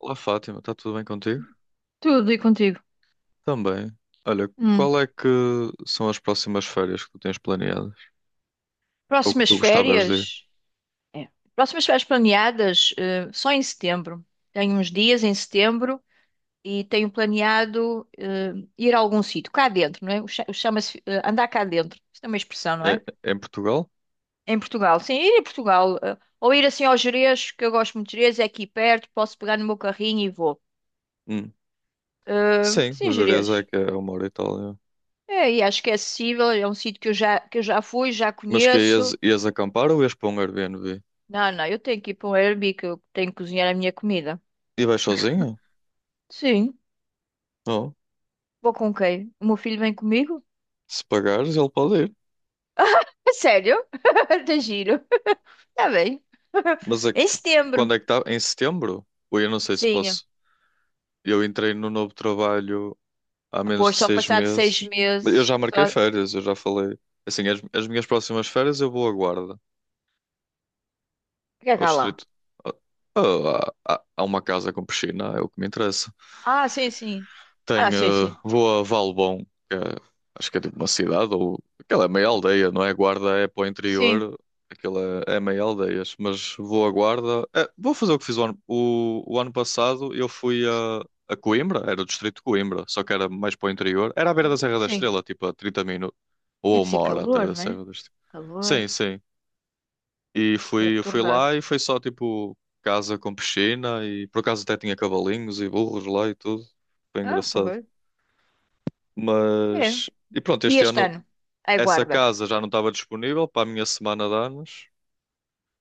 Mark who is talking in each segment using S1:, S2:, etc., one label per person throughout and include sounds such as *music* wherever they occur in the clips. S1: Olá Fátima, está tudo bem contigo?
S2: Tudo e contigo.
S1: Também. Olha,
S2: Hum.
S1: qual é que são as próximas férias que tu tens planeadas? Ou que
S2: Próximas
S1: tu gostavas de ir?
S2: férias? É. Próximas férias planeadas, só em setembro. Tenho uns dias em setembro e tenho planeado, ir a algum sítio, cá dentro, não é? O chama-se, andar cá dentro. Isso é uma expressão, não
S1: É,
S2: é?
S1: é em Portugal?
S2: Em Portugal. Sim, ir a Portugal. Ou ir assim ao Gerês, que eu gosto muito de Gerês, é aqui perto, posso pegar no meu carrinho e vou.
S1: Hum. Sim,
S2: Sim,
S1: os Jerez é
S2: Gerês.
S1: que é uma hora e tal. É.
S2: É, e acho que é acessível, é um sítio que eu já fui, já
S1: Mas que é, ias,
S2: conheço.
S1: ias acampar ou ias para um Airbnb?
S2: Não, não, eu tenho que ir para um Airbnb que eu tenho que cozinhar a minha comida.
S1: E vais sozinho?
S2: Sim,
S1: Não.
S2: vou com quem? O meu filho vem comigo?
S1: Se pagares, ele pode ir.
S2: É sério? *laughs* Tá giro. Tá bem. *laughs*
S1: Mas
S2: Em setembro.
S1: quando é que está? Em setembro? Ou eu não sei se
S2: Sim.
S1: posso. Eu entrei no novo trabalho há menos de
S2: Pois, só
S1: seis
S2: passado seis
S1: meses. Mas eu
S2: meses.
S1: já marquei
S2: Só. O
S1: férias, eu já falei. Assim, as minhas próximas férias eu vou à Guarda.
S2: que é que
S1: Ao
S2: há lá?
S1: distrito. Ah, há uma casa com piscina, é o que me interessa.
S2: Ah, sim, sim. Ah,
S1: Tenho,
S2: sim, sim.
S1: vou a Valbom, que é- acho que é tipo uma cidade, ou aquela é meia aldeia, não é? Guarda é para o
S2: Sim,
S1: interior, aquela é meia aldeias. Mas vou a Guarda, é, vou fazer o que fiz o ano, o ano passado. Eu fui
S2: s-
S1: a Coimbra, era o distrito de Coimbra, só que era mais para o interior. Era à beira da Serra da
S2: sim.
S1: Estrela, tipo a 30 minutos, ou a
S2: Deve
S1: uma
S2: ser
S1: hora até
S2: calor,
S1: da
S2: né?
S1: Serra da Estrela. Sim,
S2: Calor.
S1: sim. E
S2: Deve
S1: fui, eu fui
S2: torrar.
S1: lá e foi só tipo casa com piscina e por acaso até tinha cavalinhos e burros lá e tudo. Foi
S2: Ah,
S1: engraçado.
S2: porra. É.
S1: Mas e pronto,
S2: E
S1: este
S2: este
S1: ano
S2: ano?
S1: essa
S2: Aguarda.
S1: casa já não estava disponível para a minha semana de anos.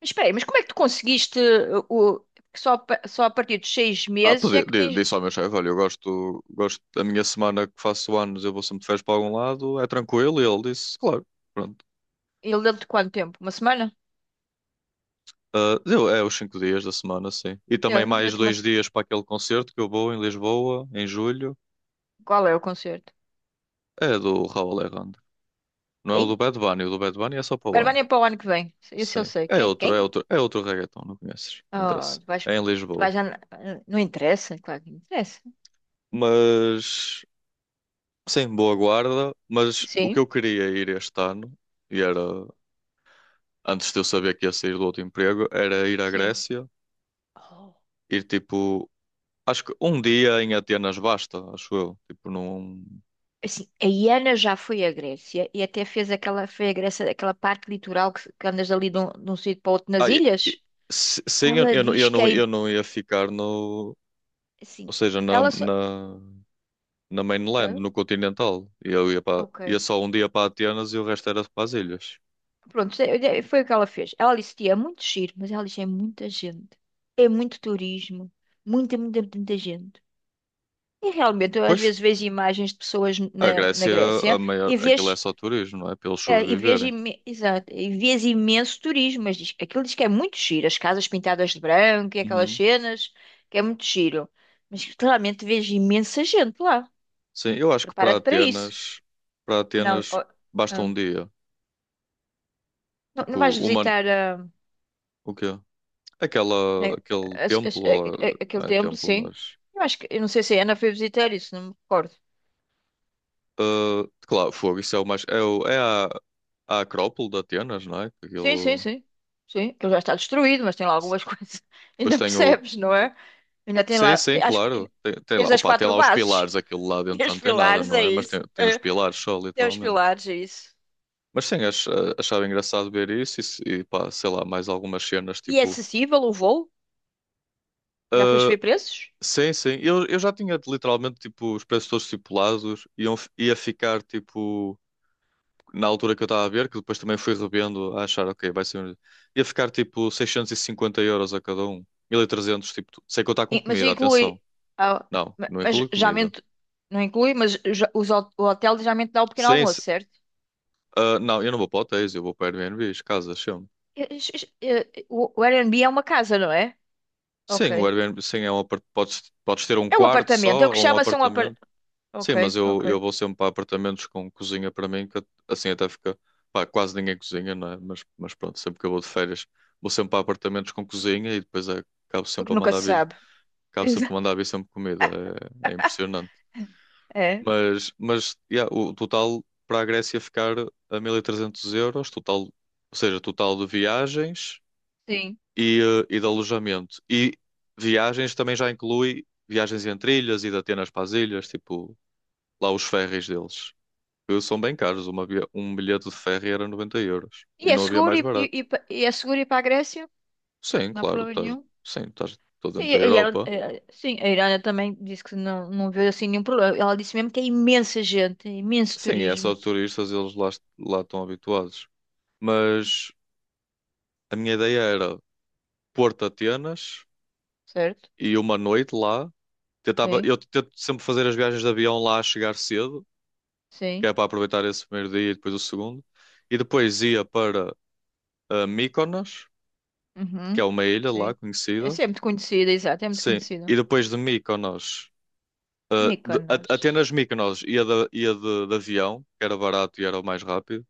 S2: Mas espera aí, mas como é que tu conseguiste porque só, só a partir dos seis
S1: Ah,
S2: meses
S1: pedi,
S2: é que
S1: di-
S2: tens...
S1: disse ao meu chefe, olha, eu gosto da minha semana que faço anos, eu vou sempre de férias para algum lado, é tranquilo, e ele disse, claro, pronto.
S2: Ele deu-te quanto tempo? Uma semana?
S1: Ah, é os 5 dias da semana, sim. E
S2: É.
S1: também mais
S2: Deu-te uma...
S1: dois
S2: se-
S1: dias para aquele concerto que eu vou em Lisboa, em julho.
S2: Qual é o concerto?
S1: É do Raul Alejandro. Não é o do
S2: Quem?
S1: Bad Bunny, o do Bad Bunny é só para
S2: A
S1: o ano.
S2: Albânia é para o ano que vem. Isso eu
S1: Sim.
S2: sei.
S1: É
S2: Quem?
S1: outro, é
S2: Quem?
S1: outro, é outro reggaeton, não conheces. Não
S2: Oh,
S1: interessa.
S2: tu vais...
S1: É em
S2: Tu vais
S1: Lisboa.
S2: já... Não interessa? Claro que interessa.
S1: Mas sim, boa guarda. Mas o que
S2: Sim,
S1: eu queria ir este ano, e era antes de eu saber que ia sair do outro emprego, era ir à
S2: sim.
S1: Grécia,
S2: Oh.
S1: ir tipo, acho que um dia em Atenas basta, acho eu. Tipo, não.
S2: Assim, a Iana já foi à Grécia e até fez aquela... Foi à Grécia, aquela parte litoral que andas ali de um sítio para outro nas
S1: Ah,
S2: ilhas.
S1: sim,
S2: Ela
S1: não,
S2: diz
S1: eu,
S2: que
S1: não,
S2: é...
S1: eu não ia ficar no.
S2: Assim,
S1: Ou seja, na,
S2: ela só...
S1: na na mainland,
S2: Hã?
S1: no continental. E eu
S2: Ok.
S1: ia só um dia para Atenas e o resto era para as ilhas.
S2: Pronto, foi o que ela fez. Ela disse, tia, é muito giro, mas ela disse, é muita gente. É muito turismo. Muita, muita, muita gente. E realmente, eu às
S1: Pois,
S2: vezes vejo imagens de pessoas
S1: a
S2: na
S1: Grécia, a
S2: Grécia
S1: maior,
S2: e
S1: aquilo é
S2: vês,
S1: só turismo, não é? Para eles sobreviverem.
S2: exato, e vês imenso turismo, mas diz, aquilo diz que é muito giro. As casas pintadas de branco e aquelas
S1: Uhum.
S2: cenas, que é muito giro. Mas claramente vejo imensa gente lá.
S1: Sim, eu acho que para
S2: Prepara-te para isso.
S1: Atenas, para
S2: Não,
S1: Atenas
S2: oh,
S1: basta
S2: ah,
S1: um dia.
S2: não, não
S1: Tipo,
S2: vais
S1: uma,
S2: visitar.
S1: o quê?
S2: É,
S1: Aquele templo, ah, não
S2: aquele
S1: é
S2: templo,
S1: templo,
S2: sim.
S1: mas...
S2: Eu não sei se a Ana foi visitar isso, não me recordo.
S1: Ah, claro, fogo, isso é o mais... É a Acrópole de Atenas, não é?
S2: Sim, sim,
S1: Aquilo...
S2: sim. Sim, aquilo já está destruído, mas tem lá algumas *laughs* coisas.
S1: Depois
S2: Ainda
S1: tem o.
S2: percebes, não é? Ainda tem
S1: Sim,
S2: lá,
S1: sim,
S2: acho que
S1: claro.
S2: ainda...
S1: Tem lá,
S2: Tens as
S1: opa, tem
S2: quatro
S1: lá os
S2: bases,
S1: pilares, aquilo lá
S2: *laughs*
S1: dentro
S2: tem
S1: já
S2: os
S1: não tem nada,
S2: pilares,
S1: não
S2: é
S1: é? Mas tem,
S2: isso.
S1: tem os
S2: É.
S1: pilares só,
S2: Tem os
S1: literalmente.
S2: pilares, é isso.
S1: Mas sim, achava engraçado ver isso e, e pá, sei lá, mais algumas cenas,
S2: E é
S1: tipo.
S2: acessível o voo? Já foste
S1: Ah,
S2: ver preços?
S1: sim, sim. Eu já tinha literalmente, tipo, os preços todos estipulados, ia ficar, tipo, na altura que eu estava a ver, que depois também fui revendo, a achar, ok, vai ser. Um. Ia ficar, tipo, 650 euros a cada um. 1.300 tipo, sem contar com
S2: Mas
S1: comida, atenção.
S2: inclui, ah,
S1: Não, não
S2: mas
S1: inclui
S2: já
S1: comida.
S2: mente, não inclui, mas o hotel já mente dá o pequeno
S1: Sim,
S2: almoço,
S1: sim.
S2: certo?
S1: Ah, não, eu não vou para hotéis, eu vou para Airbnbs, casas, sempre.
S2: E- e- o Airbnb é uma casa, não é?
S1: Sim, o
S2: Ok.
S1: Airbnb, sim, podes ter um
S2: É um
S1: quarto
S2: apartamento. É o
S1: só
S2: que
S1: ou um
S2: chama-se um
S1: apartamento.
S2: apartamento.
S1: Sim, mas
S2: Ok,
S1: eu
S2: ok.
S1: vou sempre para apartamentos com cozinha para mim, que assim até fica. Pá, quase ninguém cozinha, não é? Mas pronto, sempre que eu vou de férias, vou sempre para apartamentos com cozinha e depois é, acabo sempre
S2: Porque
S1: a
S2: nunca
S1: mandar
S2: se
S1: vir,
S2: sabe.
S1: acabo sempre
S2: Exa-
S1: a mandar vir sempre comida. É impressionante.
S2: É,
S1: Mas yeah, o total para a Grécia ficar a 1.300 euros, total, ou seja, total de viagens.
S2: sim.
S1: E de alojamento. E viagens também já inclui viagens entre ilhas e de Atenas para as ilhas, tipo lá os ferries deles. São bem caros, um bilhete de ferry era 90 euros
S2: E
S1: e
S2: é
S1: não havia
S2: seguro
S1: mais barato.
S2: e é seguro ir para a Grécia?
S1: Sim,
S2: Não há
S1: claro,
S2: problema
S1: estás,
S2: nenhum.
S1: sim, estás todo
S2: Sim,
S1: dentro da
S2: e ela,
S1: Europa.
S2: sim, a Irana também disse que não, não vê assim nenhum problema. Ela disse mesmo que é imensa gente, é imenso
S1: Sim, é só
S2: turismo.
S1: turistas, eles lá, estão habituados. Mas a minha ideia era Porto Atenas
S2: Certo?
S1: e uma noite lá. Tentava,
S2: Sim,
S1: eu tento sempre fazer as viagens de avião lá a chegar cedo que
S2: sim.
S1: é para aproveitar esse primeiro dia e depois o segundo. E depois ia para Mykonos, que é
S2: Uhum.
S1: uma ilha lá
S2: Sim.
S1: conhecida.
S2: Essa é muito conhecida, exato, é muito
S1: Sim, e
S2: conhecida.
S1: depois de Mykonos,
S2: Mykonos.
S1: Atenas Mykonos ia de avião, que era barato e era o mais rápido.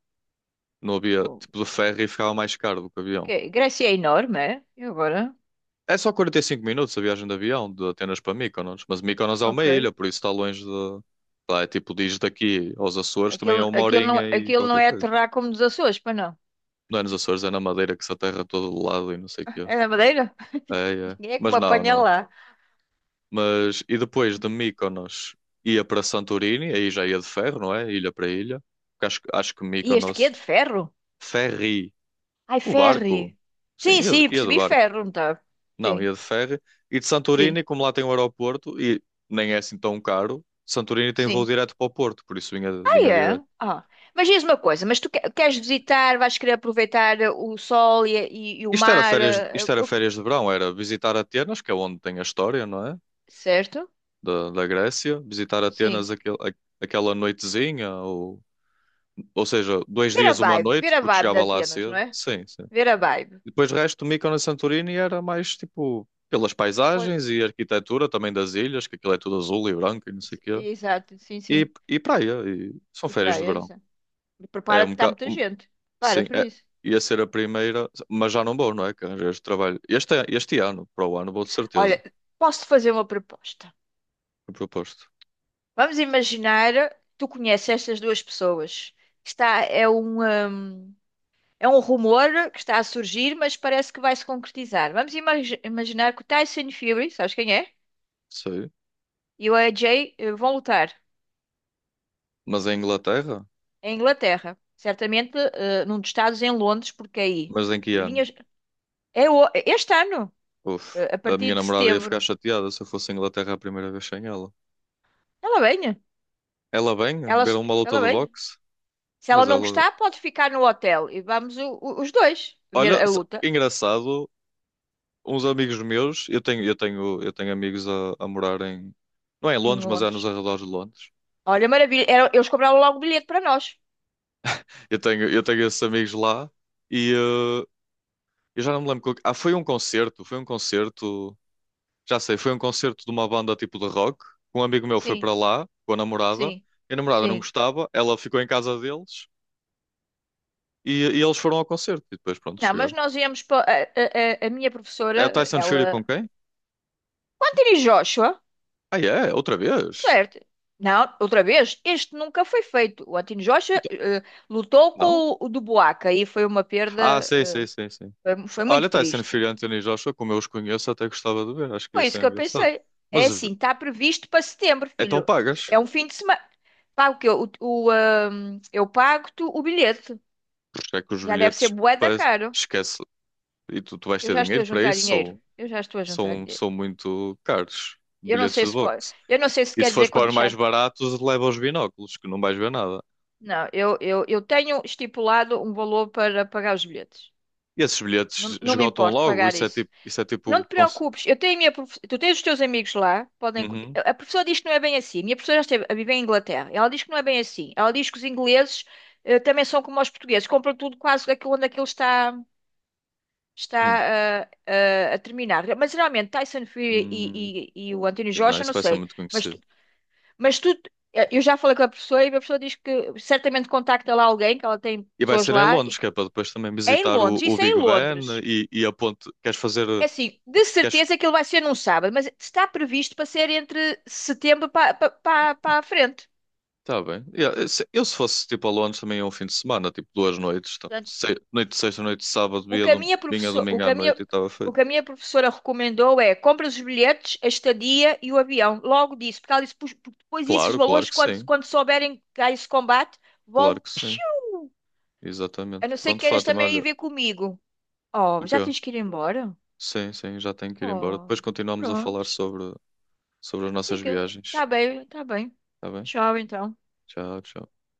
S1: Não havia
S2: Pô.
S1: tipo de ferro e ficava mais caro do que
S2: Ok,
S1: avião.
S2: Grécia é enorme, é? E agora?
S1: É só 45 minutos a viagem de avião de Atenas para Mykonos, mas Mykonos é uma
S2: Ok.
S1: ilha, por isso está longe de. Lá é tipo, diz daqui aos Açores também
S2: Aquilo,
S1: é uma horinha e
S2: aquilo não
S1: qualquer
S2: é
S1: coisa.
S2: terra como dos Açores, pois não?
S1: Não é nos Açores, é na Madeira que se aterra todo lado e não sei o quê.
S2: É na Madeira?
S1: É, é.
S2: Ninguém é que me
S1: Mas não,
S2: apanha
S1: não.
S2: lá.
S1: Mas e depois de Mykonos ia para Santorini, aí já ia de ferro, não é? Ilha para ilha. Porque acho que
S2: E este quê?
S1: Mykonos,
S2: De ferro?
S1: ferry,
S2: Ai,
S1: o
S2: ferry.
S1: barco. Sim,
S2: Sim,
S1: ia, de-
S2: sim,
S1: ia de
S2: percebi
S1: barco.
S2: ferro, não tá? Sim,
S1: Não, ia de ferry. E de
S2: sim,
S1: Santorini, como lá tem o aeroporto e nem é assim tão caro, Santorini tem voo
S2: sim.
S1: direto para o Porto, por isso vinha,
S2: Ah,
S1: vinha
S2: é?
S1: direto.
S2: Ah. Mas diz uma coisa, mas tu queres visitar, vais querer aproveitar o sol e o mar,
S1: Isto era férias de verão, era visitar Atenas, que é onde tem a história, não é?
S2: certo?
S1: Da Grécia, visitar Atenas
S2: Sim.
S1: aquele, aquela noitezinha. Ou seja, dois dias, uma noite,
S2: Ver a
S1: porque
S2: vibe de
S1: chegava lá
S2: Atenas, não
S1: cedo.
S2: é?
S1: Sim, sim.
S2: Ver a vibe.
S1: E depois o resto, Mykonos e Santorini era mais tipo pelas
S2: Arro-
S1: paisagens e arquitetura também das ilhas, que aquilo é tudo azul e branco e não sei o quê.
S2: Exato, sim,
S1: E,
S2: sim.
S1: e praia, e são
S2: E
S1: férias de
S2: praias.
S1: verão.
S2: E
S1: É
S2: prepara
S1: um
S2: porque está
S1: bocado.
S2: muita gente. Para
S1: Sim,
S2: por
S1: é,
S2: isso.
S1: ia ser a primeira, mas já não vou, não é? Que arranjei este trabalho. Este ano, para o ano, vou de certeza.
S2: Olha, posso fazer uma proposta.
S1: Eu proposto.
S2: Vamos imaginar, tu conheces estas duas pessoas. Está, é um rumor que está a surgir, mas parece que vai se concretizar. Vamos imaginar que o Tyson Fury, sabes quem é?
S1: Sei.
S2: E o AJ vão lutar
S1: Mas em Inglaterra?
S2: em Inglaterra, certamente num dos estados em Londres, porque aí
S1: Mas em que ano?
S2: vinhas, é o- este ano,
S1: Uf,
S2: a
S1: a
S2: partir
S1: minha
S2: de
S1: namorada ia ficar
S2: setembro.
S1: chateada se eu fosse à Inglaterra a primeira vez sem ela.
S2: Ela vem,
S1: Ela vem
S2: ela,
S1: viram uma luta
S2: ela
S1: de
S2: vem.
S1: boxe,
S2: Se ela
S1: mas
S2: não
S1: ela.
S2: gostar, pode ficar no hotel e vamos os dois ver
S1: Olha,
S2: a luta.
S1: engraçado, uns amigos meus, eu tenho amigos a morar em. Não é em
S2: Em
S1: Londres, mas é nos
S2: Londres.
S1: arredores de Londres.
S2: Olha, maravilha. Eles cobraram logo o bilhete para nós.
S1: Eu tenho esses amigos lá e eu já não me lembro. Ah, foi um concerto, foi um concerto. Já sei, foi um concerto de uma banda tipo de rock. Um amigo meu foi
S2: Sim,
S1: para lá com a namorada.
S2: sim,
S1: E a namorada não
S2: sim.
S1: gostava, ela ficou em casa deles e eles foram ao concerto. E depois, pronto,
S2: Não, mas
S1: chegaram.
S2: nós íamos para. A minha
S1: É o
S2: professora,
S1: Tyson Fury com
S2: ela.
S1: quem?
S2: O Anthony Joshua,
S1: Ah, é? Outra vez?
S2: certo. Não, outra vez, este nunca foi feito. O Anthony Joshua lutou com
S1: Não?
S2: o do Buaca e foi uma
S1: Ah,
S2: perda.
S1: sei,
S2: eh,
S1: sei, sei, sim.
S2: foi, foi
S1: Olha,
S2: muito
S1: Tyson
S2: triste.
S1: Fury e Anthony Joshua, como eu os conheço, até gostava de ver, acho que ia
S2: Foi isso
S1: ser
S2: que eu
S1: engraçado.
S2: pensei. É
S1: Mas
S2: assim, está previsto para setembro,
S1: então
S2: filho.
S1: pagas,
S2: É um fim de semana. Pago que eu, o, ah, Eu pago-te o bilhete.
S1: porque é que os
S2: Já deve ser
S1: bilhetes
S2: bué
S1: pa-.
S2: da caro.
S1: Esquece. E tu vais
S2: Eu
S1: ter
S2: já estou
S1: dinheiro
S2: a
S1: para
S2: juntar
S1: isso,
S2: dinheiro.
S1: são,
S2: Eu já estou a juntar
S1: são,
S2: dinheiro.
S1: são muito caros,
S2: Eu não
S1: bilhetes
S2: sei
S1: de
S2: se pode,
S1: boxe.
S2: eu não sei se
S1: E
S2: quer
S1: se
S2: dizer
S1: fores para
S2: quanto
S1: os
S2: já.
S1: mais baratos, leva os binóculos, que não vais ver nada.
S2: Não, eu tenho estipulado um valor para pagar os bilhetes.
S1: E esses
S2: Não,
S1: bilhetes
S2: não me
S1: esgotam
S2: importo
S1: logo,
S2: pagar isso.
S1: isso é
S2: Não
S1: tipo.
S2: te preocupes, eu tenho a minha prof... tu tens os teus amigos lá, podem.
S1: Uhum.
S2: A professora diz que não é bem assim. Minha professora já esteve a viver em Inglaterra. Ela diz que não é bem assim. Ela diz que os ingleses também são como os portugueses, compram tudo quase aquilo onde aquilo está
S1: Hum.
S2: está a terminar. Mas geralmente Tyson Fury
S1: Hum.
S2: e o Anthony
S1: Não,
S2: Joshua,
S1: isso
S2: não
S1: vai ser
S2: sei.
S1: muito
S2: Mas
S1: conhecido.
S2: Mas tu, eu já falei com a pessoa e a pessoa diz que certamente contacta lá alguém, que ela tem
S1: E vai
S2: pessoas
S1: ser em
S2: lá, e
S1: Londres,
S2: que
S1: que é para depois também
S2: é em
S1: visitar o,
S2: Londres,
S1: o
S2: isso é em
S1: Big Ben
S2: Londres.
S1: e a ponte. Queres fazer.
S2: É assim, de
S1: Queres.
S2: certeza que ele vai ser num sábado, mas está previsto para ser entre setembro para para a frente.
S1: Tá bem. Yeah, eu se fosse tipo a Londres também é um fim de semana, tipo 2 noites. Tá?
S2: Portanto,
S1: Noite de sexta, noite de sábado,
S2: o que a minha
S1: vinha
S2: professora, o
S1: domingo
S2: que
S1: à
S2: a
S1: noite e
S2: minha,
S1: estava
S2: o
S1: feito.
S2: que a minha professora recomendou é compra os bilhetes, a estadia e o avião. Logo disso, porque ela disse: "Pois, porque depois disso os
S1: Claro, claro
S2: valores,
S1: que sim.
S2: quando souberem que há esse combate,
S1: Claro
S2: vão...
S1: que sim.
S2: piu! A
S1: Exatamente.
S2: não ser que
S1: Pronto,
S2: queiras
S1: Fátima,
S2: também
S1: olha.
S2: ir ver comigo. Oh,
S1: O
S2: já
S1: quê?
S2: tens que ir embora?
S1: Sim, sim, já tenho que ir embora. Depois
S2: Oh,
S1: continuamos a falar
S2: prontos.
S1: sobre as
S2: Sim
S1: nossas
S2: que
S1: viagens.
S2: tá bem, tá bem.
S1: Tá bem?
S2: Tchau, então.
S1: Tchau, tchau.